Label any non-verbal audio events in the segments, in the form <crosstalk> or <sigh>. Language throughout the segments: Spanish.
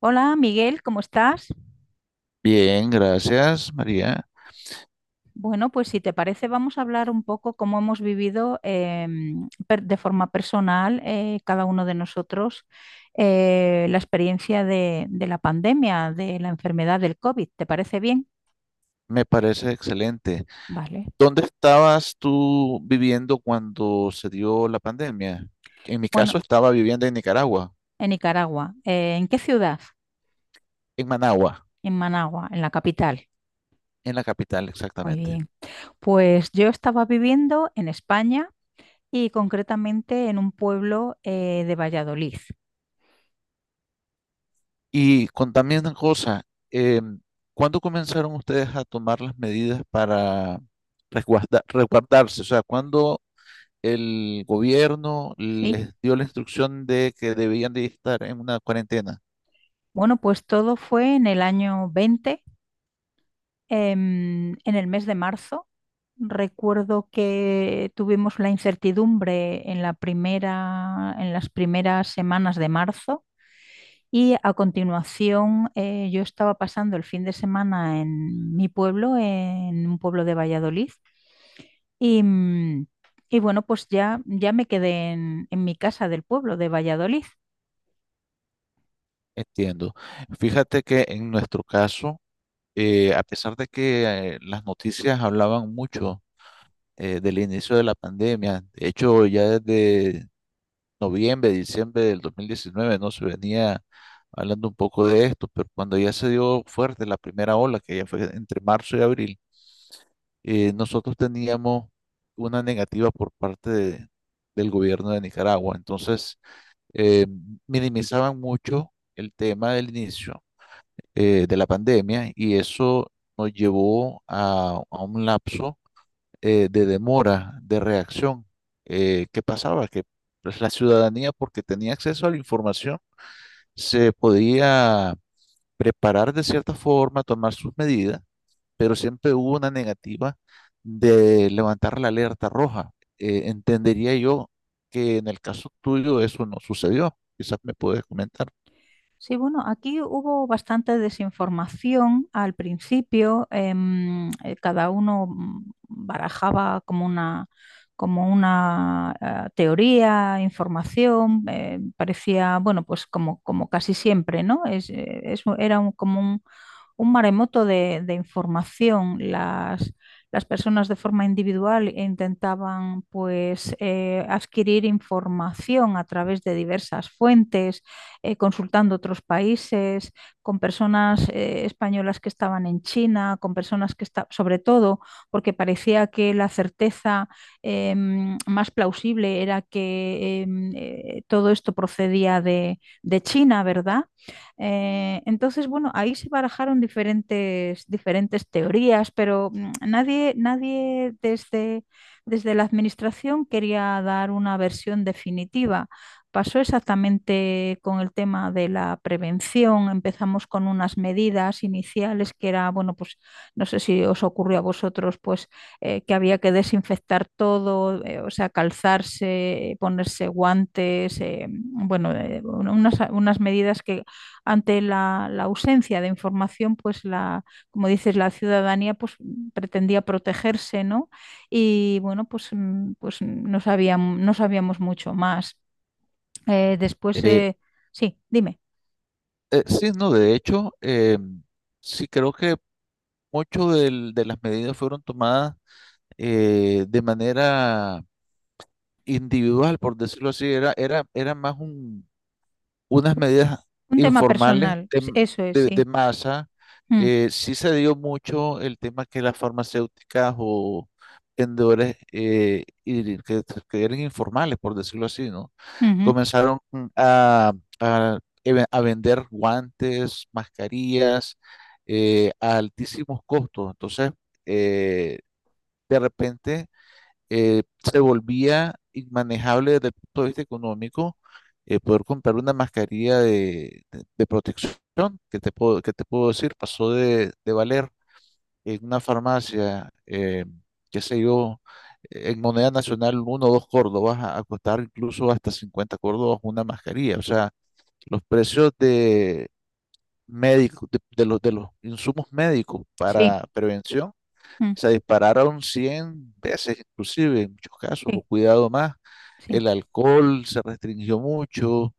Hola Miguel, ¿cómo estás? Bien, gracias, María. Bueno, pues si te parece vamos a hablar un poco cómo hemos vivido de forma personal, cada uno de nosotros la experiencia de la pandemia, de la enfermedad del COVID. ¿Te parece bien? Me parece excelente. Vale. ¿Dónde estabas tú viviendo cuando se dio la pandemia? En mi Bueno, caso estaba viviendo en Nicaragua, en Nicaragua. ¿En qué ciudad? en Managua, En Managua, en la capital. en la capital Muy exactamente. bien. Pues yo estaba viviendo en España y concretamente en un pueblo de Valladolid. Y contame una cosa, eh, ¿cuándo comenzaron ustedes a tomar las medidas para resguardarse? O sea, ¿cuándo el gobierno ¿Sí? les dio la instrucción de que debían de estar en una cuarentena? Bueno, pues todo fue en el año 20, en el mes de marzo. Recuerdo que tuvimos la incertidumbre en la primera, en las primeras semanas de marzo y a continuación, yo estaba pasando el fin de semana en mi pueblo, en un pueblo de Valladolid. Y, mm, y bueno, pues ya me quedé en mi casa del pueblo de Valladolid. Entiendo. Fíjate que en nuestro caso, a pesar de que las noticias hablaban mucho del inicio de la pandemia, de hecho ya desde noviembre, diciembre del 2019 no se venía hablando un poco de esto, pero cuando ya se dio fuerte la primera ola, que ya fue entre marzo y abril, nosotros teníamos una negativa del gobierno de Nicaragua. Entonces, eh, minimizaban mucho el tema del inicio de la pandemia y eso nos llevó a un lapso de demora, de reacción. ¿Qué pasaba? Que pues, la ciudadanía, porque tenía acceso a la información, se podía preparar de cierta forma, tomar sus medidas, pero siempre hubo una negativa de levantar la alerta roja. Entendería yo que en el caso tuyo eso no sucedió. Quizás me puedes comentar. Sí, bueno, aquí hubo bastante desinformación al principio. Cada uno barajaba como una, como una, teoría, información. Eh, parecía, bueno, pues como, como casi siempre, ¿no? Como un maremoto de información. Las personas de forma individual intentaban, pues, adquirir información a través de diversas fuentes, consultando otros países, con personas, españolas, que estaban en China, con personas que estaban, sobre todo porque parecía que la certeza eh, más plausible era que, todo esto procedía de China, ¿verdad? Entonces, bueno, ahí se barajaron diferentes teorías, pero nadie desde, desde la administración quería dar una versión definitiva. Pasó exactamente con el tema de la prevención. Empezamos con unas medidas iniciales que era, bueno, pues no sé si os ocurrió a vosotros, pues, que había que desinfectar todo, o sea, calzarse, ponerse guantes, bueno, unas medidas que ante ausencia de información, pues la, como dices, la ciudadanía, pues, pretendía protegerse, ¿no? Y bueno, pues, mm, pues no sabíamos, no sabíamos mucho más. Después, Eh, sí, dime, sí, no, de hecho, em, sí creo que mucho de las medidas fueron tomadas de manera individual, por decirlo así, era más unas medidas un tema informales personal, s- eso es, sí. de masa. Mm, Sí se dio mucho el tema que las farmacéuticas o vendedores y que eran informales, por decirlo así, ¿no? mm -hmm, Comenzaron a, a- a vender guantes, mascarillas a altísimos costos. Entonces, eh, de repente se volvía inmanejable desde el punto de vista económico, poder comprar una mascarilla de protección, que te puedo decir, pasó de valer en una farmacia, qué sé yo, en moneda nacional uno o dos córdobas a costar incluso hasta 50 córdobas una mascarilla. O sea, los precios de médicos, de los insumos médicos sí, para prevención mm, se dispararon 100 veces inclusive en muchos casos, sí, o cuidado más, sí. el alcohol se restringió mucho,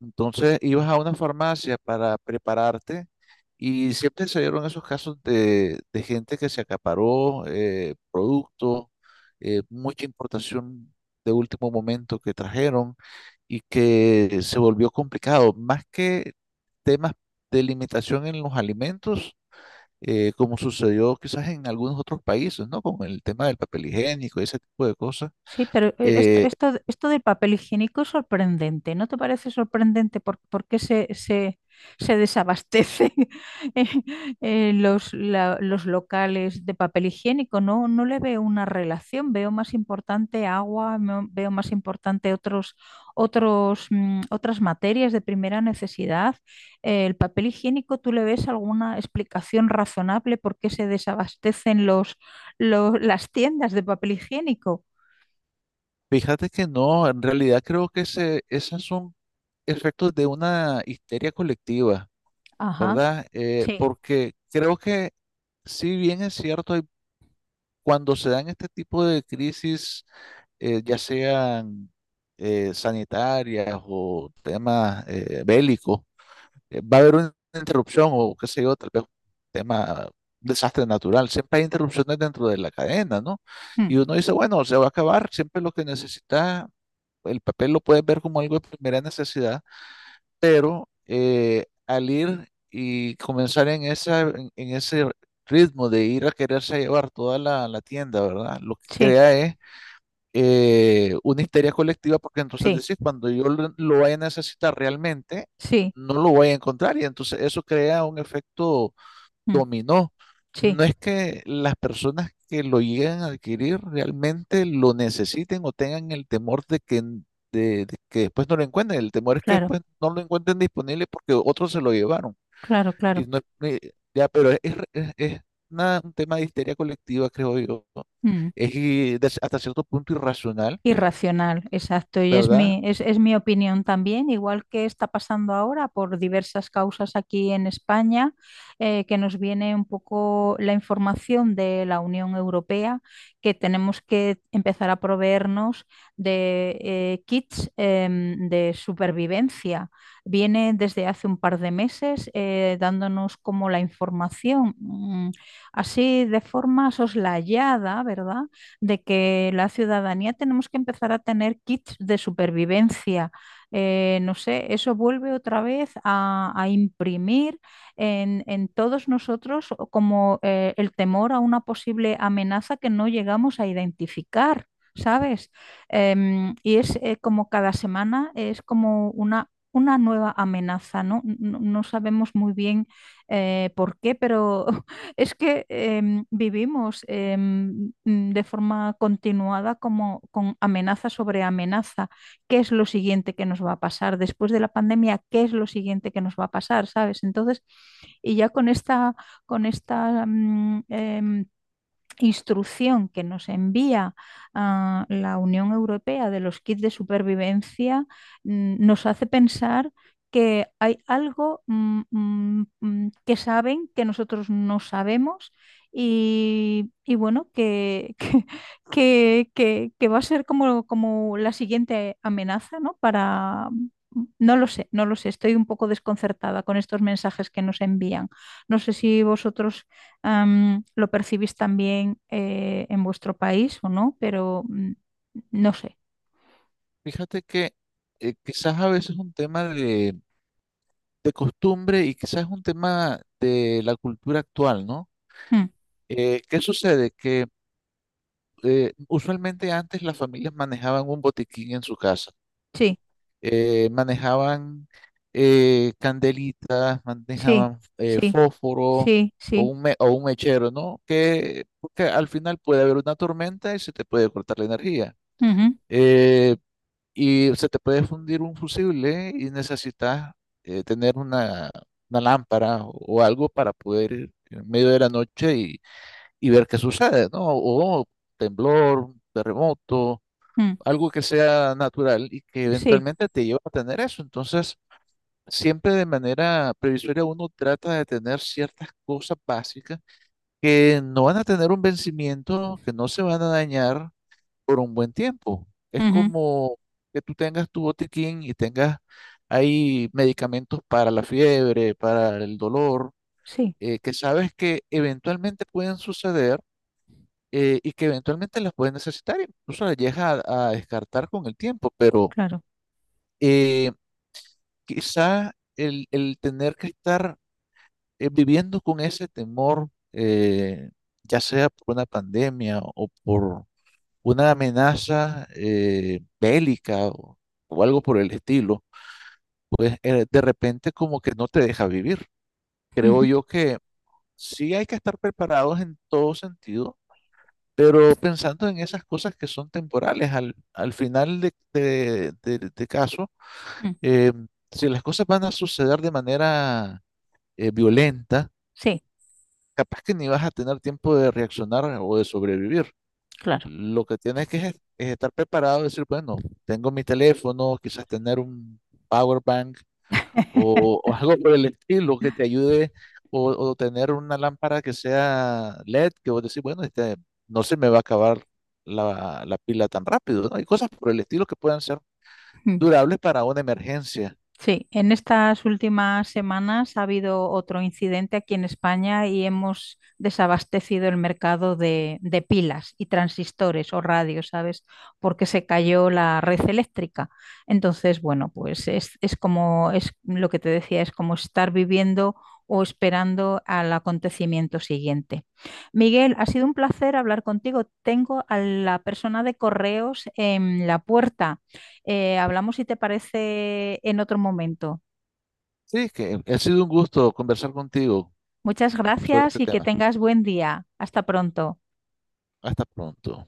entonces ibas a una farmacia para prepararte y siempre se dieron esos casos de gente que se acaparó productos, mucha importación de último momento que trajeron y que se volvió complicado, más que temas de limitación en los alimentos, como sucedió quizás en algunos otros países, ¿no? Con el tema del papel higiénico y ese tipo de cosas. Sí, pero, Eh, esto del papel higiénico es sorprendente. ¿No te parece sorprendente por qué se desabastecen <laughs> eh, los, la- los locales de papel higiénico? No, no le veo una relación. Veo más importante agua, no- veo más importante otros, otros, otras materias de primera necesidad. El papel higiénico, ¿tú le ves alguna explicación razonable por qué se desabastecen los, las tiendas de papel higiénico? fíjate que no, en realidad creo que ese, esos son efectos de una histeria colectiva, Ajá, ¿verdad? Sí, Porque creo que si bien es cierto, cuando se dan este tipo de crisis, ya sean sanitarias o temas bélicos, va a haber una interrupción o qué sé yo, tal vez un tema, un desastre natural. Siempre hay interrupciones dentro de la cadena, ¿no? mm, Y uno dice, bueno, se va a acabar, siempre lo que necesita, el papel lo puedes ver como algo de primera necesidad, pero al ir y comenzar en esa, en ese ritmo de ir a quererse llevar toda la tienda, ¿verdad? Lo que sí, crea es una histeria colectiva, porque entonces sí, decís, cuando yo lo vaya a necesitar realmente, sí, no lo voy a encontrar. Y entonces eso crea un efecto mm, dominó. sí, No es que las personas que lo lleguen a adquirir realmente lo necesiten o tengan el temor de de que después no lo encuentren. El temor es que claro, después no lo encuentren disponible porque otros se lo llevaron. claro, Y claro. no, ya, pero es un tema de histeria colectiva, creo yo. Mm. Es y hasta cierto punto irracional, Irracional, exacto. Y ¿verdad? Es mi opinión también, igual que está pasando ahora por diversas causas aquí en España, que nos viene un poco la información de la Unión Europea, que tenemos que empezar a proveernos de, kits, de supervivencia. Viene desde hace un par de meses, dándonos como la información, así, de forma soslayada, ¿verdad?, de que la ciudadanía tenemos que empezar a tener kits de supervivencia. No sé, eso vuelve otra vez a imprimir todos nosotros como, el temor a una posible amenaza que no llegamos a identificar. ¿Sabes? Y es, como cada semana, es como una nueva amenaza, ¿no? No, no sabemos muy bien, por qué, pero es que, vivimos, de forma continuada, como con amenaza sobre amenaza. ¿Qué es lo siguiente que nos va a pasar? Después de la pandemia, ¿qué es lo siguiente que nos va a pasar? ¿Sabes? Entonces, y ya con esta, con esta, instrucción que nos envía, la Unión Europea, de los kits de supervivencia, nos hace pensar que hay algo, que saben que nosotros no sabemos, y bueno, que, <laughs> que va a ser como, como la siguiente amenaza, ¿no? Para... mm, no lo sé, no lo sé, estoy un poco desconcertada con estos mensajes que nos envían. No sé si vosotros, ¿lo percibís también, en vuestro país o no? Pero mm, no sé. Fíjate que quizás a veces es un tema de costumbre y quizás es un tema de la cultura actual, ¿no? Mm, ¿Qué sucede? Que usualmente antes las familias manejaban un botiquín en su casa. sí, Manejaban candelitas, sí, manejaban sí, fósforo sí, o sí. un, o un mechero, ¿no? Que, porque al final puede haber una tormenta y se te puede cortar la energía. Ujú, Eh, y se te puede fundir un fusible y necesitas tener una lámpara o algo para poder ir en medio de la noche y ver qué sucede, ¿no? O temblor, terremoto, mm, algo que sea natural y que sí, eventualmente te lleva a tener eso. Entonces, siempre de manera previsoria uno trata de tener ciertas cosas básicas que no van a tener un vencimiento, que no se van a dañar por un buen tiempo. Es ujú, como que tú tengas tu botiquín y tengas ahí medicamentos para la fiebre, para el dolor, sí, que sabes que eventualmente pueden suceder y que eventualmente las puedes necesitar. Incluso las llegas a descartar con el tiempo, pero claro. eh, quizá el tener que estar viviendo con ese temor, ya sea por una pandemia o por una amenaza bélica o algo por el estilo, pues de repente como que no te deja vivir. Ujú, Creo yo que sí hay que estar preparados en todo sentido, pero pensando en esas cosas que son temporales, al final de caso, mm, eh, si las cosas van a suceder de manera violenta, sí, capaz que ni vas a tener tiempo de reaccionar o de sobrevivir. claro. Lo que tienes que es estar preparado, decir, bueno, tengo mi teléfono, quizás tener un power bank <laughs> o <laughs> algo por el estilo que te ayude, o tener una lámpara que sea LED, que vos decís, bueno, este, no se me va a acabar la pila tan rápido, ¿no? Hay cosas por el estilo que puedan ser durables para una emergencia. Sí, en estas últimas semanas ha habido otro incidente aquí en España y hemos desabastecido el mercado de pilas y transistores o radios, ¿sabes? Porque se cayó la red eléctrica. Entonces, bueno, pues es como es lo que te decía, es como estar viviendo o esperando al acontecimiento siguiente. Miguel, ha sido un placer hablar contigo. Tengo a la persona de correos en la puerta. Hablamos si te parece en otro momento. Sí, que ha sido un gusto conversar contigo Muchas sobre este gracias y que tema. tengas buen día. Hasta pronto. Hasta pronto.